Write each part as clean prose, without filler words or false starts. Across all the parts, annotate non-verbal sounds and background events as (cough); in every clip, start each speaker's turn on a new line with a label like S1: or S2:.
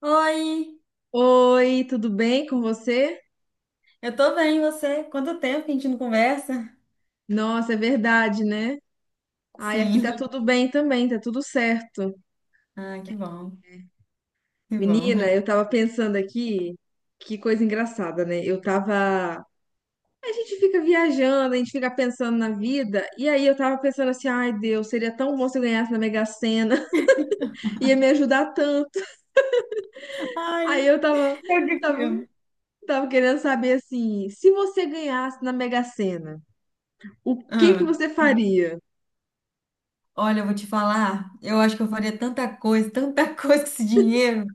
S1: Oi,
S2: Oi, tudo bem com você?
S1: eu tô bem, e você? Quanto tempo que a gente não conversa?
S2: Nossa, é verdade, né? Ai, aqui tá
S1: Sim.
S2: tudo bem também, tá tudo certo.
S1: Ah, que bom, que
S2: Menina,
S1: bom.
S2: eu tava pensando aqui, que coisa engraçada, né? Eu tava. A gente fica viajando, a gente fica pensando na vida, e aí eu tava pensando assim, ai, Deus, seria tão bom se eu ganhasse na Mega Sena, (laughs) ia me ajudar tanto. Aí
S1: Ai,
S2: eu tava,
S1: eu que
S2: tava,
S1: filme.
S2: tava querendo saber assim, se você ganhasse na Mega Sena, o que que
S1: Ah.
S2: você faria?
S1: Olha, eu vou te falar, eu acho que eu faria tanta coisa, tanta (laughs) coisa com esse dinheiro,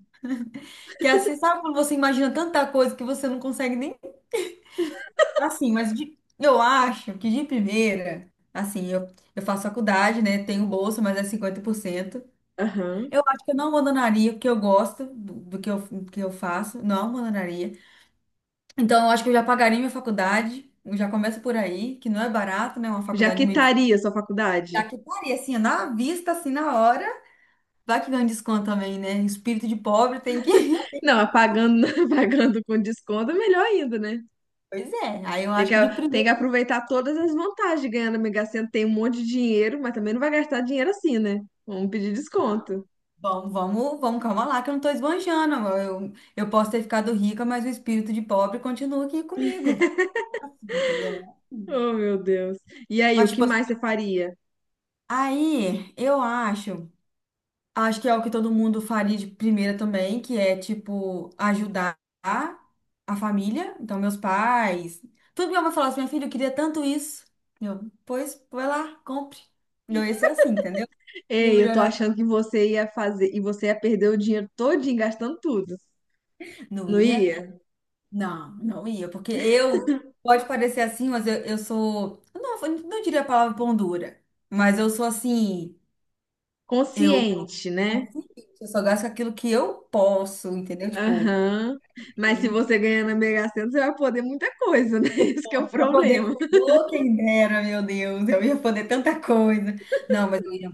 S1: que assim, sabe quando você imagina tanta coisa que você não consegue nem. Assim, mas eu acho que de primeira, assim, eu faço faculdade, né? Tenho bolsa, mas é 50%.
S2: Aham.
S1: Eu acho que eu não abandonaria, o que eu gosto do que do que eu faço, não abandonaria. Então, eu acho que eu já pagaria minha faculdade. Eu já começo por aí, que não é barato, né? Uma
S2: Já
S1: faculdade de medicina.
S2: quitaria sua faculdade?
S1: Já que estaria assim, na vista, assim, na hora. Vai que ganha um desconto também, né? Espírito de pobre tem que. (laughs)
S2: Não, pagando, (laughs) pagando com desconto é melhor ainda, né?
S1: Pois é. Aí eu
S2: Tem que,
S1: acho que de
S2: tem
S1: primeiro.
S2: que aproveitar todas as vantagens de ganhar na Mega Sena. Tem um monte de dinheiro, mas também não vai gastar dinheiro assim, né? Vamos pedir desconto.
S1: Vamos, vamos, vamos, calma lá, que eu não tô esbanjando. Eu posso ter ficado rica, mas o espírito de pobre continua aqui comigo. Assim, entendeu? Não é assim.
S2: Oh, meu Deus. E aí, o
S1: Mas,
S2: que
S1: tipo, assim,
S2: mais você faria?
S1: aí eu acho. Acho que é o que todo mundo faria de primeira também, que é, tipo, ajudar a família. Então, meus pais. Tudo minha mãe falou assim, minha filha, eu queria tanto isso. Eu, pois, vai lá, compre. Eu ia ser assim, entendeu? Ia
S2: Ei, eu tô
S1: melhorar.
S2: achando que você ia fazer e você ia perder o dinheiro todinho gastando tudo.
S1: Não
S2: Não
S1: ia?
S2: ia?
S1: Não, não ia. Porque eu, pode parecer assim, mas eu sou. Eu não diria a palavra pão dura. Mas eu sou assim. Eu,
S2: Consciente, né?
S1: eu só gasto com aquilo que eu posso, entendeu? Tipo.
S2: Aham. Mas se você ganhar na Mega Sena, você vai poder muita coisa, né? (laughs) Esse que é o
S1: Pra
S2: problema.
S1: poder. Ô, quem dera, meu Deus, eu ia poder tanta coisa. Não, mas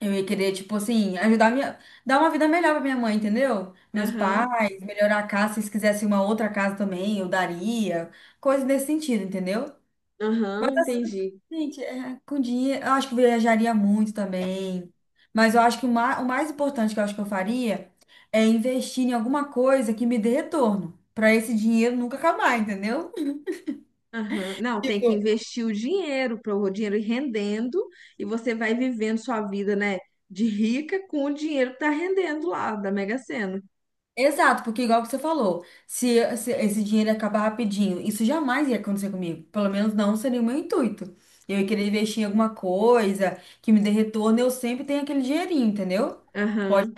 S1: eu ia querer, tipo assim, ajudar minha, dar uma vida melhor pra minha mãe, entendeu? Meus
S2: Aham,
S1: pais, melhorar a casa, se eles quisessem uma outra casa também, eu daria. Coisas nesse sentido, entendeu? Mas
S2: aham,
S1: assim,
S2: entendi.
S1: gente, é, com dinheiro, eu acho que viajaria muito também. Mas eu acho que o mais importante que eu acho que eu faria é investir em alguma coisa que me dê retorno. Pra esse dinheiro nunca acabar, entendeu?
S2: Aham. Não, tem que
S1: (laughs)
S2: investir o dinheiro para o dinheiro ir rendendo e você vai vivendo sua vida, né, de rica com o dinheiro que tá rendendo lá da Mega Sena.
S1: Exato, porque igual que você falou, se esse dinheiro acabar rapidinho, isso jamais ia acontecer comigo. Pelo menos não seria o meu intuito. Eu ia querer investir em alguma coisa que me dê retorno, eu sempre tenho aquele dinheirinho, entendeu?
S2: Aham.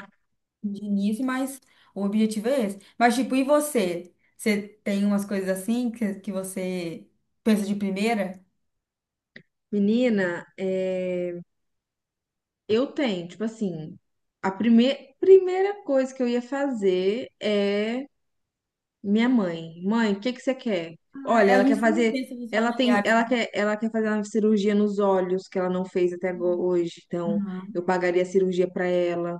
S1: De início, mas o objetivo é esse. Mas, tipo, e você? Você tem umas coisas assim que você pensa de primeira?
S2: Menina, é, eu tenho, tipo assim, a primeira coisa que eu ia fazer é: minha mãe, mãe, o que que você quer? Olha,
S1: Ah, a
S2: ela quer
S1: gente sempre
S2: fazer,
S1: pensa nos
S2: ela tem,
S1: familiares.
S2: ela quer fazer uma cirurgia nos olhos que ela não fez hoje, então eu
S1: Aham,
S2: pagaria a cirurgia para ela.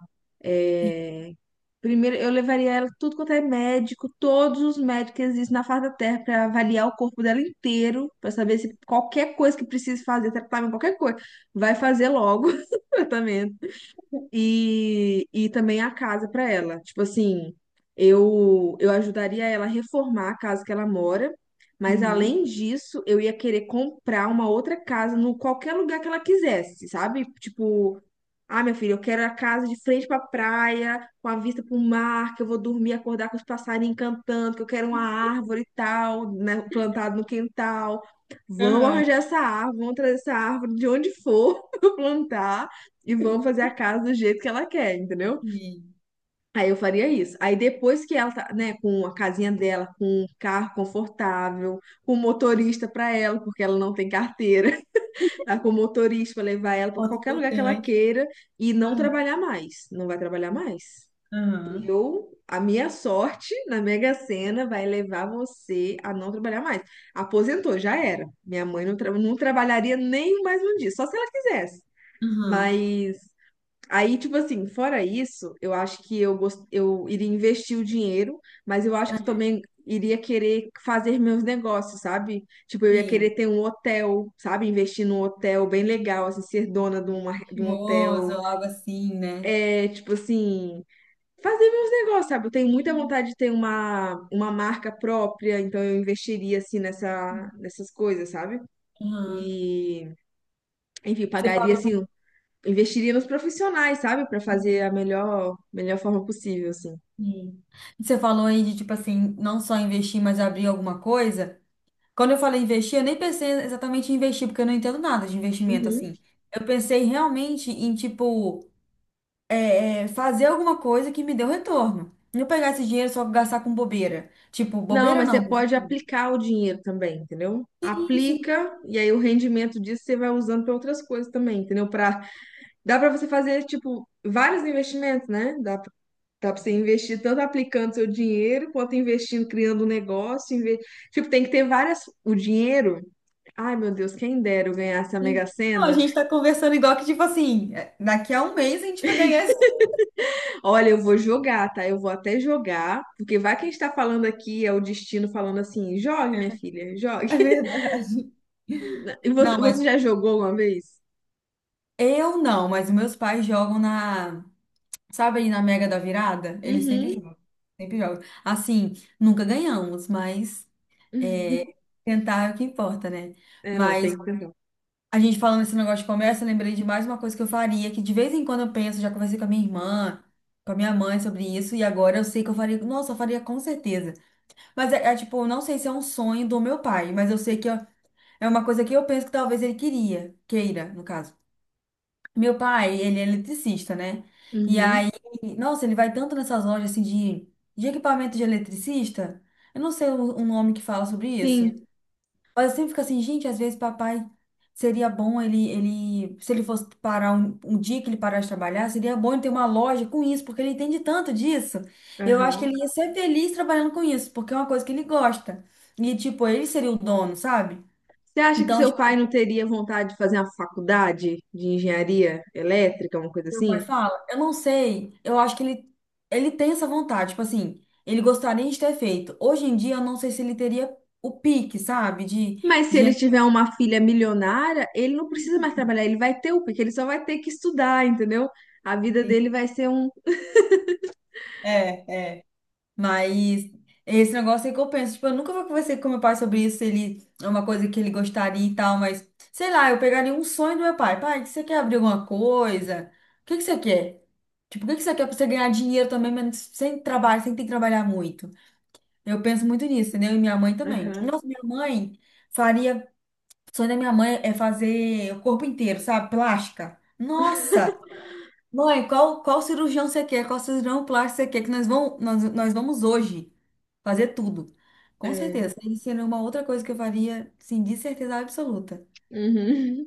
S1: sim.
S2: É, primeiro eu levaria ela tudo quanto é médico, todos os médicos que existem na face da Terra para avaliar o corpo dela inteiro, para saber se qualquer coisa que precise fazer, tratamento, qualquer coisa, vai fazer logo (laughs) o tratamento e também a casa para ela. Tipo assim, eu ajudaria ela a reformar a casa que ela mora, mas
S1: Uhum.
S2: além disso, eu ia querer comprar uma outra casa no qualquer lugar que ela quisesse, sabe? Tipo, ah, minha filha, eu quero a casa de frente para praia, com a vista para o mar, que eu vou dormir, acordar com os passarinhos cantando, que eu quero uma árvore e tal, né, plantada no quintal. Vamos
S1: Aham,
S2: arranjar essa árvore, vamos trazer essa árvore de onde for (laughs) para plantar e vamos fazer a casa do jeito que ela quer, entendeu?
S1: sim.
S2: Aí eu faria isso. Aí depois que ela tá, né, com a casinha dela, com um carro confortável, com motorista pra ela, porque ela não tem carteira, (laughs) tá com motorista pra levar ela pra
S1: Ponto
S2: qualquer lugar que ela
S1: importante.
S2: queira e não
S1: Aham,
S2: trabalhar mais, não vai trabalhar mais.
S1: aham,
S2: Eu, a minha sorte na Mega Sena vai levar você a não trabalhar mais. Aposentou, já era. Minha mãe não, não trabalharia nem mais um dia, só se ela quisesse. Mas aí, tipo assim, fora isso, eu acho que eu, eu iria investir o dinheiro, mas eu acho que eu
S1: aham.
S2: também iria querer fazer meus negócios, sabe? Tipo, eu ia querer
S1: Sim,
S2: ter um hotel, sabe? Investir num hotel bem legal, assim, ser dona de, de um
S1: chimoso,
S2: hotel.
S1: algo assim, né?
S2: É, tipo assim, fazer meus negócios, sabe? Eu tenho muita
S1: Uhum.
S2: vontade de ter uma marca própria, então eu investiria, assim, nessas coisas, sabe?
S1: Aham.
S2: E, enfim,
S1: Você
S2: pagaria,
S1: fa-
S2: assim, investiria nos profissionais, sabe? Para fazer a melhor, melhor forma possível, assim.
S1: Sim. Você falou aí de, tipo assim, não só investir, mas abrir alguma coisa. Quando eu falei investir, eu nem pensei exatamente em investir, porque eu não entendo nada de investimento,
S2: Uhum.
S1: assim. Eu pensei realmente em, tipo, fazer alguma coisa que me deu retorno. Não pegar esse dinheiro só pra gastar com bobeira. Tipo,
S2: Não,
S1: bobeira
S2: mas você
S1: não. Mas,
S2: pode
S1: tipo,
S2: aplicar o dinheiro também, entendeu?
S1: Sim, sim,
S2: Aplica e aí o rendimento disso você vai usando para outras coisas também, entendeu? Para dá para você fazer tipo vários investimentos, né? Dá pra... Dá para você investir tanto aplicando seu dinheiro quanto investindo, criando um negócio. Tipo, tem que ter várias. O dinheiro. Ai, meu Deus, quem dera eu ganhasse a Mega
S1: sim. Não, a
S2: Sena.
S1: gente tá conversando igual que, tipo assim, é, daqui a um mês a gente vai ganhar
S2: Olha, eu vou jogar, tá? Eu vou até jogar, porque vai que a gente tá falando aqui, é o destino falando assim, jogue, minha filha,
S1: (laughs)
S2: jogue.
S1: É
S2: (laughs)
S1: verdade.
S2: E você,
S1: Não, mas
S2: você já jogou uma vez?
S1: eu não, mas meus pais jogam na, sabe aí na Mega da Virada? Eles sempre
S2: Uhum.
S1: jogam, sempre jogam. Assim, nunca ganhamos, mas é, tentar é o que importa, né?
S2: É, não,
S1: Mas
S2: tem que perguntar.
S1: a gente falando desse negócio de comércio, eu lembrei de mais uma coisa que eu faria, que de vez em quando eu penso, já conversei com a minha irmã, com a minha mãe sobre isso, e agora eu sei que eu faria, nossa, eu faria com certeza. Mas é tipo, eu não sei se é um sonho do meu pai, mas eu sei é uma coisa que eu penso que talvez ele queria, queira, no caso. Meu pai, ele é eletricista, né? E
S2: Uhum.
S1: aí, nossa, ele vai tanto nessas lojas assim de equipamento de eletricista. Eu não sei o nome que fala sobre isso.
S2: Sim.
S1: Mas eu sempre fico assim, gente, às vezes papai seria bom ele, se ele fosse parar um dia que ele parasse de trabalhar, seria bom ele ter uma loja com isso, porque ele entende tanto disso. Eu acho que
S2: Aham.
S1: ele ia ser feliz trabalhando com isso, porque é uma coisa que ele gosta. E tipo, ele seria o dono, sabe?
S2: Você acha que
S1: Então,
S2: seu pai não teria vontade de fazer uma faculdade de engenharia elétrica, uma coisa
S1: meu pai
S2: assim?
S1: fala, eu não sei, eu acho ele tem essa vontade, tipo assim, ele gostaria de ter feito. Hoje em dia, eu não sei se ele teria o pique, sabe?
S2: Mas se ele tiver uma filha milionária, ele não precisa mais trabalhar, ele vai ter o quê? Que ele só vai ter que estudar, entendeu? A vida
S1: De...
S2: dele vai ser um.
S1: É, é. Mas esse negócio aí que eu penso, tipo, eu nunca vou conversar com meu pai sobre isso, se ele é uma coisa que ele gostaria e tal, mas sei lá, eu pegaria um sonho do meu pai. Pai, você quer abrir alguma coisa? O que que você quer? Tipo, o que que você quer pra você ganhar dinheiro também, mas sem trabalho, sem ter que trabalhar muito? Eu penso muito nisso, entendeu? E minha mãe também.
S2: Aham.
S1: Nossa, minha mãe faria. O sonho da minha mãe é fazer o corpo inteiro, sabe? Plástica. Nossa! Mãe, qual cirurgião você quer? Qual cirurgião plástico você quer? Que nós vamos hoje fazer tudo. Com
S2: É.
S1: certeza. Isso seria uma outra coisa que eu faria, sim, de certeza absoluta.
S2: Uhum.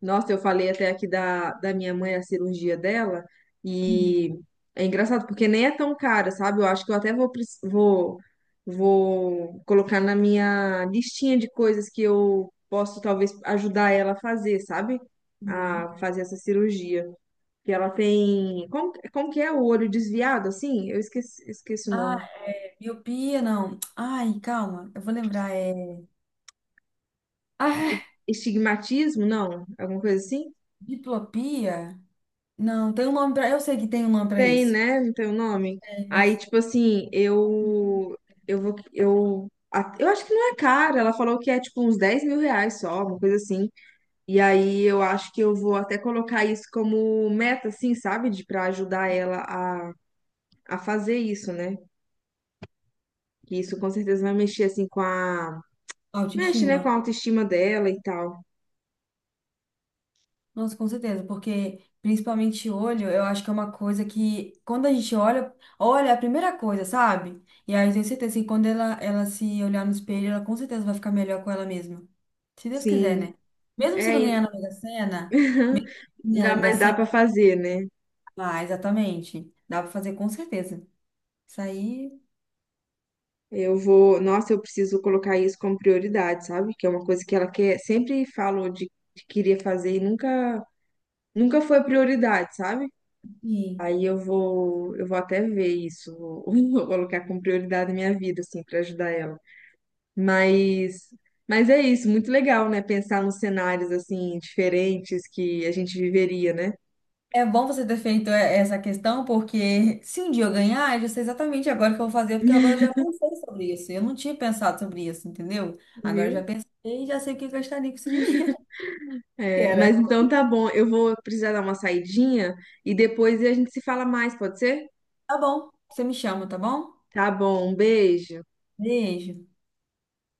S2: Nossa, eu falei até aqui da minha mãe, a cirurgia dela,
S1: Uhum.
S2: e é engraçado porque nem é tão cara, sabe? Eu acho que eu até vou, vou, vou colocar na minha listinha de coisas que eu posso talvez ajudar ela a fazer, sabe?
S1: Uhum.
S2: A fazer essa cirurgia. Que ela tem. Como, como que é o olho desviado, assim? Eu esqueci, esqueci o nome.
S1: Ai, miopia, não. Ai, calma, eu vou lembrar. É. Ah,
S2: Estigmatismo? Não? Alguma coisa assim?
S1: diplopia? Não, tem um nome pra. Eu sei que tem um nome pra
S2: Tem,
S1: isso.
S2: né? Não tem o nome.
S1: É,
S2: Aí,
S1: mas
S2: tipo assim, eu. Eu vou. Eu acho que não é caro. Ela falou que é tipo uns 10 mil reais só, uma coisa assim. E aí eu acho que eu vou até colocar isso como meta, assim, sabe? De, pra ajudar ela a fazer isso, né? Que isso com certeza vai mexer, assim, com a. Mexe, né? Com
S1: autoestima.
S2: a autoestima dela e tal.
S1: Nossa, com certeza, porque principalmente olho, eu acho que é uma coisa que quando a gente olha, olha é a primeira coisa, sabe? E aí eu tenho certeza que quando ela se olhar no espelho, ela com certeza vai ficar melhor com ela mesma. Se Deus quiser,
S2: Sim.
S1: né? Mesmo se
S2: É,
S1: não
S2: e-
S1: ganhar na Mega Sena,
S2: (laughs)
S1: ganhar na
S2: dá,
S1: Mega
S2: mas dá
S1: Sena,
S2: pra fazer, né?
S1: ah, exatamente. Dá pra fazer com certeza. Isso aí,
S2: Eu vou, nossa, eu preciso colocar isso como prioridade, sabe? Que é uma coisa que ela quer, sempre falou de que queria fazer e nunca foi prioridade, sabe?
S1: e
S2: Aí eu vou até ver isso, vou, (laughs) vou colocar como prioridade na minha vida, assim, pra ajudar ela. Mas, mas é isso, muito legal, né? Pensar nos cenários assim diferentes que a gente viveria, né?
S1: é bom você ter feito essa questão, porque se um dia eu ganhar, eu já sei exatamente agora o que eu vou fazer, porque agora eu
S2: (laughs)
S1: já pensei sobre isso. Eu não tinha pensado sobre isso, entendeu? Agora eu
S2: Viu?
S1: já pensei e já sei o que eu gastaria com esse dinheiro. (laughs)
S2: É, mas
S1: Era.
S2: então tá bom, eu vou precisar dar uma saidinha e depois a gente se fala mais, pode ser?
S1: Tá bom, você me chama, tá bom?
S2: Tá bom, um beijo.
S1: Beijo.